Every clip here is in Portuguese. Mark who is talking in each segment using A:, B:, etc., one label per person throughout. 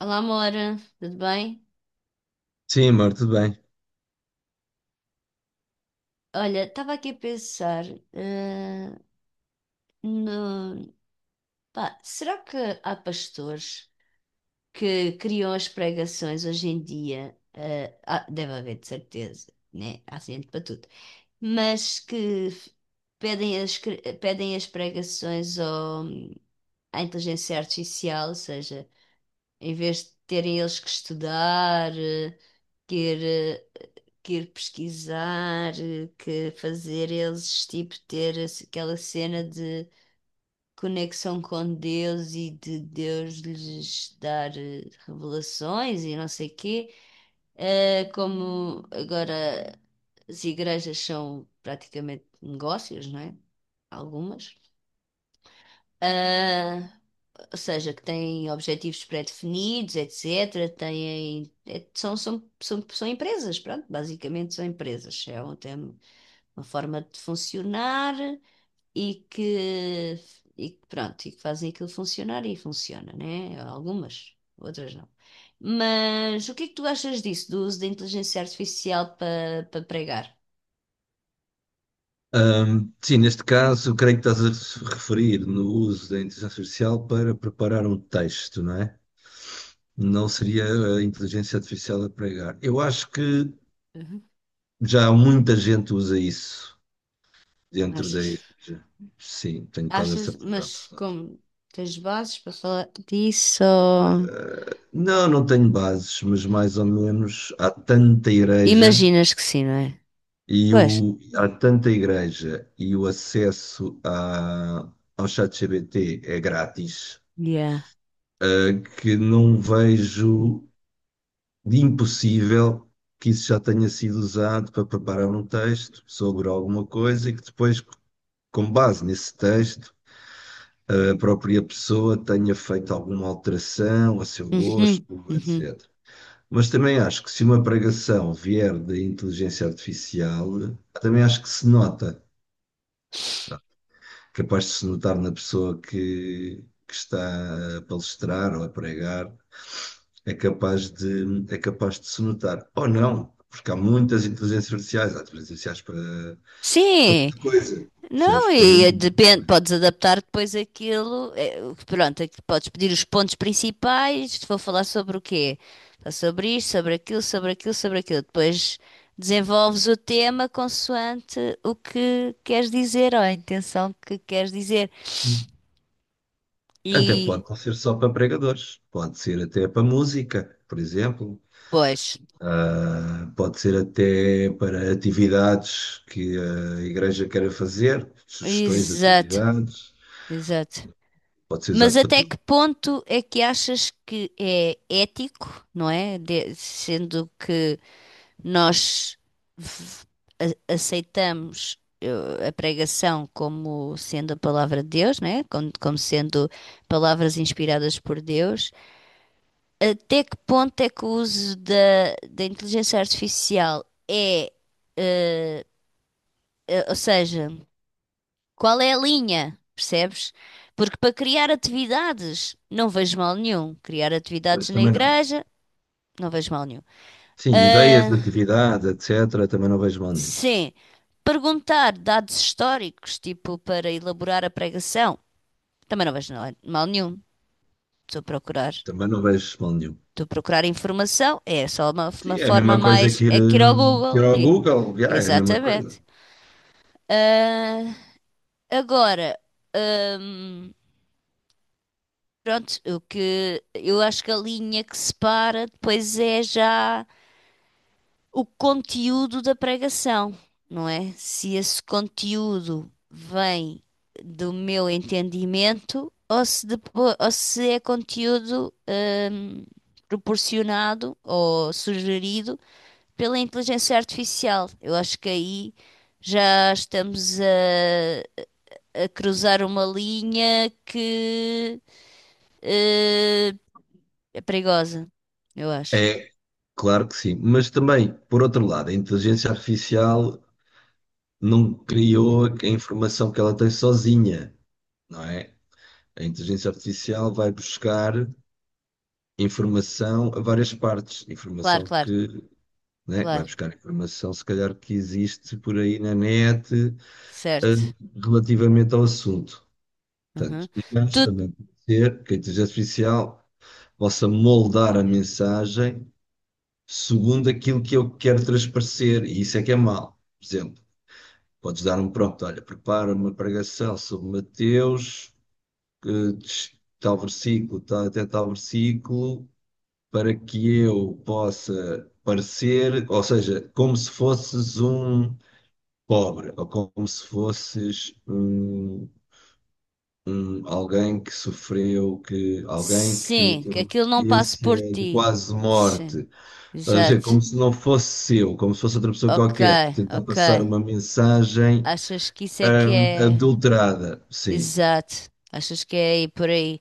A: Olá, Mora, tudo bem?
B: Sim, amor, tudo bem.
A: Olha, estava aqui a pensar, eh, no... pá, será que há pastores que criam as pregações hoje em dia? Deve haver, de certeza, né? Há gente para tudo. Mas pedem as pregações à inteligência artificial, ou seja, em vez de terem eles que estudar, que ir, pesquisar, que fazer eles, tipo, aquela cena de conexão com Deus e de Deus lhes dar revelações e não sei quê. Como agora as igrejas são praticamente negócios, não é? Algumas. Ah, ou seja, que têm objetivos pré-definidos, etc. Têm, são empresas, pronto, basicamente são empresas. Tem uma forma de funcionar e que, pronto, e que fazem aquilo funcionar e funciona, né? Algumas, outras não. Mas o que é que tu achas disso, do uso da inteligência artificial para pregar?
B: Sim, neste caso, creio que estás a se referir no uso da inteligência artificial para preparar um texto, não é? Não seria a inteligência artificial a pregar. Eu acho que
A: Uhum.
B: já muita gente usa isso dentro da
A: Achas?
B: igreja. Sim, tenho quase a
A: Achas,
B: certeza
A: mas
B: absoluta.
A: como tens bases para falar disso?
B: Não, não tenho bases, mas mais ou menos há tanta igreja
A: Imaginas que sim, não é? Pois,
B: há tanta igreja e o acesso a, ao chat GPT é grátis,
A: yeah.
B: que não vejo de impossível que isso já tenha sido usado para preparar um texto sobre alguma coisa e que depois, com base nesse texto, a própria pessoa tenha feito alguma alteração a seu gosto,
A: Uhum, uhum.
B: etc. Mas também acho que se uma pregação vier da inteligência artificial, também acho que se nota, sabe? Capaz de se notar na pessoa que está a palestrar ou a pregar, é capaz de se notar. Ou não, porque há muitas inteligências artificiais, há inteligências artificiais para, para
A: Sim,
B: muita coisa, percebes?
A: não,
B: Para
A: e
B: muita, muita
A: depende,
B: coisa.
A: podes adaptar depois aquilo, pronto, aqui podes pedir os pontos principais, vou falar sobre o quê? Falar sobre isto, sobre aquilo, sobre aquilo, sobre aquilo. Depois desenvolves o tema consoante o que queres dizer, ou a intenção que queres dizer.
B: Hum. Até
A: E,
B: pode não ser só para pregadores, pode ser até para música, por exemplo.
A: pois,
B: Ah, pode ser até para atividades que a igreja queira fazer, sugestões de
A: exato,
B: atividades,
A: exato.
B: pode ser
A: Mas
B: usado para
A: até
B: tudo.
A: que ponto é que achas que é ético, não é? Sendo que nós v- aceitamos a pregação como sendo a palavra de Deus, não é? Como sendo palavras inspiradas por Deus. Até que ponto é que o uso da inteligência artificial é, ou seja, qual é a linha, percebes? Porque para criar atividades, não vejo mal nenhum. Criar
B: Por
A: atividades
B: isso
A: na
B: também não.
A: igreja. Não vejo mal nenhum.
B: Sim, ideias de
A: Ah,
B: atividades, etc., também não vejo mal nenhum.
A: sim. Perguntar dados históricos, tipo para elaborar a pregação. Também não vejo mal nenhum. Estou a procurar,
B: Também não vejo mal nenhum.
A: estou a procurar informação. É só
B: Sim,
A: uma
B: é a
A: forma
B: mesma coisa
A: mais.
B: que ir,
A: É que ir ao
B: que ir
A: Google.
B: ao
A: E,
B: Google, já, é a mesma coisa.
A: exatamente. Agora, pronto, o que eu acho que a linha que separa depois é já o conteúdo da pregação, não é? Se esse conteúdo vem do meu entendimento ou se, depois, ou se é conteúdo hum, proporcionado ou sugerido pela inteligência artificial. Eu acho que aí já estamos a cruzar uma linha que eh, é perigosa, eu acho.
B: É, claro que sim. Mas também, por outro lado, a inteligência artificial não criou a informação que ela tem sozinha, não é? A inteligência artificial vai buscar informação a várias partes.
A: Claro,
B: Informação
A: claro,
B: que, né, vai
A: claro,
B: buscar informação, se calhar, que existe por aí na net, eh,
A: certo.
B: relativamente ao assunto.
A: Uhum.
B: Portanto, mas
A: Tu
B: também pode ser que a inteligência artificial possa moldar a mensagem segundo aquilo que eu quero transparecer, e isso é que é mal. Por exemplo, podes dar um prompt, olha, prepara uma pregação sobre Mateus, que tal versículo, tal, até tal versículo, para que eu possa parecer, ou seja, como se fosses um pobre, ou como se fosses um, alguém que sofreu, que, alguém que
A: Sim, que
B: teve uma
A: aquilo não passe por
B: experiência de
A: ti.
B: quase
A: Sim,
B: morte. Estás a dizer, como
A: exato.
B: se não fosse eu, como se fosse outra pessoa
A: Ok,
B: qualquer, tentar
A: ok.
B: passar uma mensagem
A: Achas que isso é que é.
B: adulterada, sim.
A: Exato. Achas que é aí por aí?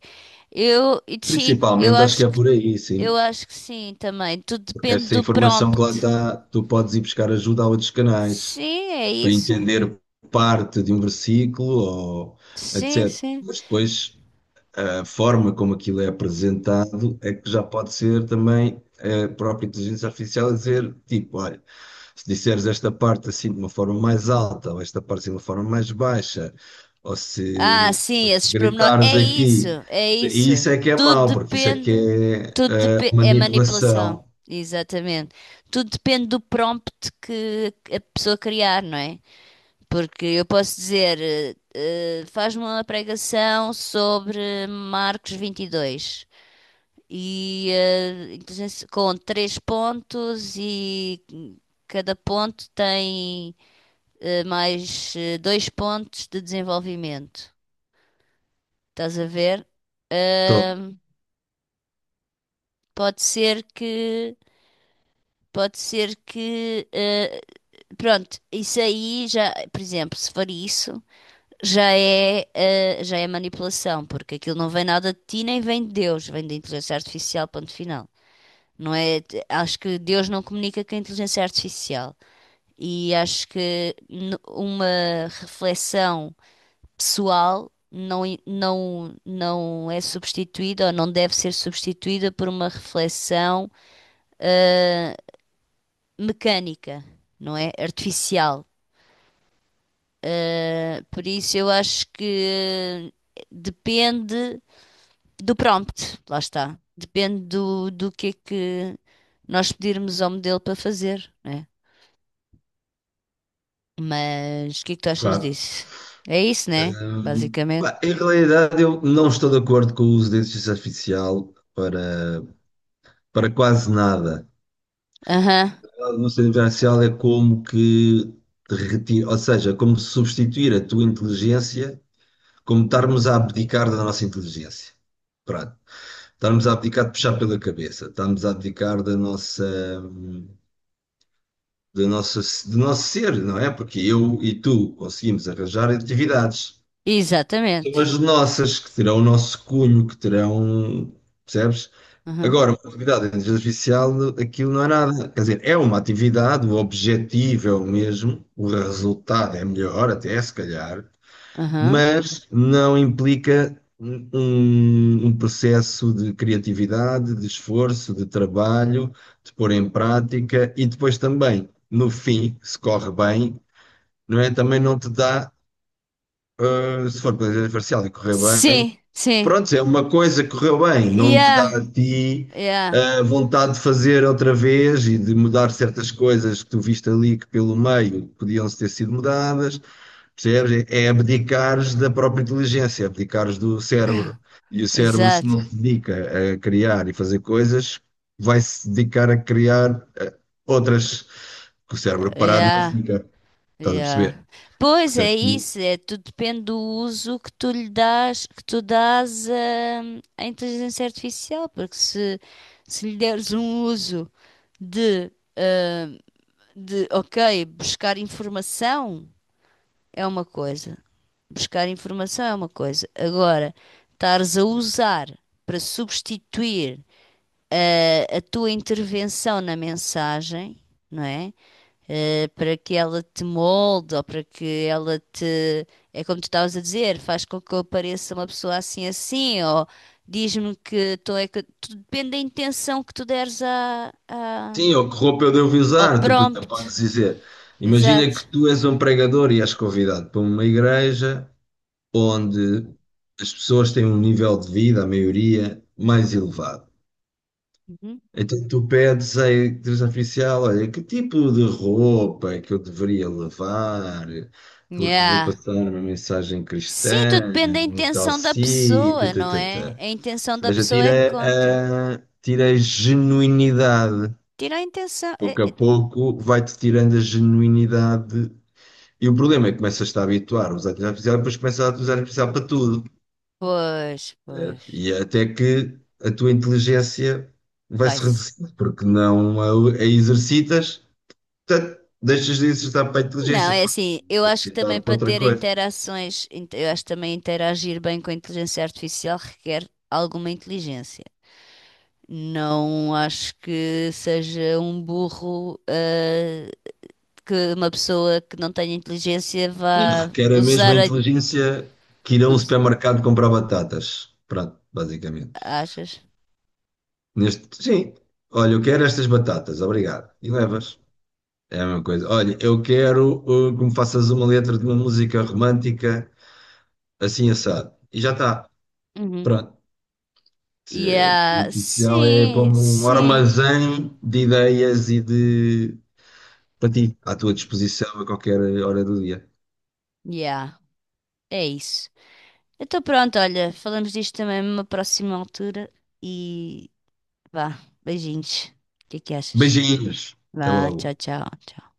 A: E sim,
B: Principalmente acho que é por aí,
A: eu
B: sim.
A: acho que sim também. Tudo
B: Porque
A: depende
B: essa
A: do
B: informação que lá
A: prompt.
B: está, tu podes ir buscar ajuda a outros canais
A: Sim, é
B: para
A: isso.
B: entender parte de um versículo ou
A: Sim,
B: etc.
A: sim.
B: Mas depois, a forma como aquilo é apresentado é que já pode ser também a própria inteligência artificial a dizer, tipo, olha, se disseres esta parte assim de uma forma mais alta, ou esta parte assim de uma forma mais baixa,
A: Ah,
B: ou
A: sim,
B: se
A: esses pormenores.
B: gritares
A: É isso,
B: aqui,
A: é
B: e
A: isso.
B: isso é que é
A: Tudo
B: mau, porque isso é que
A: depende,
B: é
A: é
B: manipulação.
A: manipulação, exatamente. Tudo depende do prompt que a pessoa criar, não é? Porque eu posso dizer, faz-me uma pregação sobre Marcos 22 e dois com três pontos e cada ponto tem mais dois pontos de desenvolvimento. Estás a ver?
B: Tô,
A: Ahm, pode ser que, pode ser que, pronto, isso aí já, por exemplo, se for isso, já é manipulação, porque aquilo não vem nada de ti nem vem de Deus, vem da inteligência artificial, ponto final. Não é, acho que Deus não comunica com a inteligência artificial. E acho que uma reflexão pessoal não, não, não é substituída ou não deve ser substituída por uma reflexão mecânica, não é? Artificial. Por isso eu acho que depende do prompt, lá está. Depende do que é que nós pedirmos ao modelo para fazer, né? Mas o que é que tu achas
B: claro.
A: disso? É isso, né? Basicamente.
B: Pá, em realidade, eu não estou de acordo com o uso da inteligência artificial para, para quase nada.
A: Aham,
B: A mudança vivencial é como que te retira, ou seja, como substituir a tua inteligência, como estarmos a abdicar da nossa inteligência. Pronto. Estarmos a abdicar de puxar pela cabeça, estarmos a abdicar da nossa, do nosso ser, não é? Porque eu e tu conseguimos arranjar atividades. São
A: exatamente.
B: as nossas que terão o nosso cunho, que terão, percebes?
A: Aham,
B: Agora, uma atividade extrajudicial, aquilo não é nada. Quer dizer, é uma atividade, o objetivo é o mesmo, o resultado é melhor, até se calhar,
A: aham.
B: mas não implica um, um processo de criatividade, de esforço, de trabalho, de pôr em prática e depois também, no fim, se corre bem, não é? Também não te dá, se for para fazer parcial e correr bem.
A: Sim, sim.
B: Pronto, é uma coisa que correu bem, não te
A: Yeah,
B: dá a ti
A: yeah,
B: a vontade de fazer outra vez e de mudar certas coisas que tu viste ali que pelo meio podiam ter sido mudadas, percebes? É abdicares da própria inteligência, é abdicares do cérebro. E o cérebro, se
A: exato.
B: não se dedica a criar e fazer coisas, vai-se dedicar a criar outras, que o cérebro parado não
A: Yeah,
B: fica, estás a
A: yeah.
B: perceber?
A: Pois é
B: Portanto,
A: isso, é, tudo depende do uso que tu lhe dás, que tu dás à inteligência artificial, porque se lhe deres um uso de, ok, buscar informação é uma coisa, buscar informação é uma coisa. Agora, estares a usar para substituir a tua intervenção na mensagem, não é? Para que ela te molde ou para que ela te. É como tu estavas a dizer, faz com que eu pareça uma pessoa assim assim, ou diz-me que tu é que. Tudo depende da intenção que tu deres
B: sim, ou que roupa eu devo
A: ao
B: usar? Tu, por exemplo,
A: prompt.
B: podes dizer: imagina que
A: Exato.
B: tu és um pregador e és convidado para uma igreja onde as pessoas têm um nível de vida, a maioria, mais elevado.
A: Uhum.
B: Então tu pedes à igreja oficial: olha, que tipo de roupa é que eu deveria levar? Porque vou
A: Yeah.
B: passar uma mensagem
A: Sim, tudo
B: cristã
A: depende da
B: num tal
A: intenção da
B: sítio.
A: pessoa,
B: Tã,
A: não
B: tã,
A: é?
B: tã."
A: A intenção
B: Ou
A: da
B: seja,
A: pessoa é que
B: tira
A: conta.
B: a, tira a genuinidade.
A: Tira a intenção.
B: Pouco a pouco vai-te tirando a genuinidade. E o problema é que começas-te a habituar a usar a inteligência artificial e depois começas a usar a artificial para tudo.
A: Pois, pois.
B: E até que a tua inteligência vai se
A: Vai-se.
B: reduzindo, porque não a, a exercitas, portanto, deixas de exercitar para a
A: Não,
B: inteligência,
A: é
B: pá,
A: assim, eu acho que
B: exercitar
A: também
B: para
A: para
B: outra
A: ter
B: coisa.
A: interações, int- eu acho que também interagir bem com a inteligência artificial requer alguma inteligência. Não acho que seja um burro, que uma pessoa que não tenha inteligência
B: E
A: vá
B: requer a mesma
A: usar a...
B: inteligência que ir a um
A: us-
B: supermercado comprar batatas. Pronto, basicamente.
A: Achas?
B: Neste, sim, olha, eu quero estas batatas, obrigado. E levas. É a mesma coisa. Olha, eu quero que me faças uma letra de uma música romântica assim assado. E já está.
A: Uhum.
B: Pronto. O
A: Yeah,
B: oficial é
A: sim,
B: como um
A: sim.
B: armazém de ideias e de para ti, à tua disposição a qualquer hora do dia.
A: Yeah, é isso. Então pronto, olha, falamos disto também numa próxima altura e Vá, beijinhos. O que que achas?
B: Beijinhos. Até
A: Vá,
B: logo.
A: tchau, tchau. Tchau.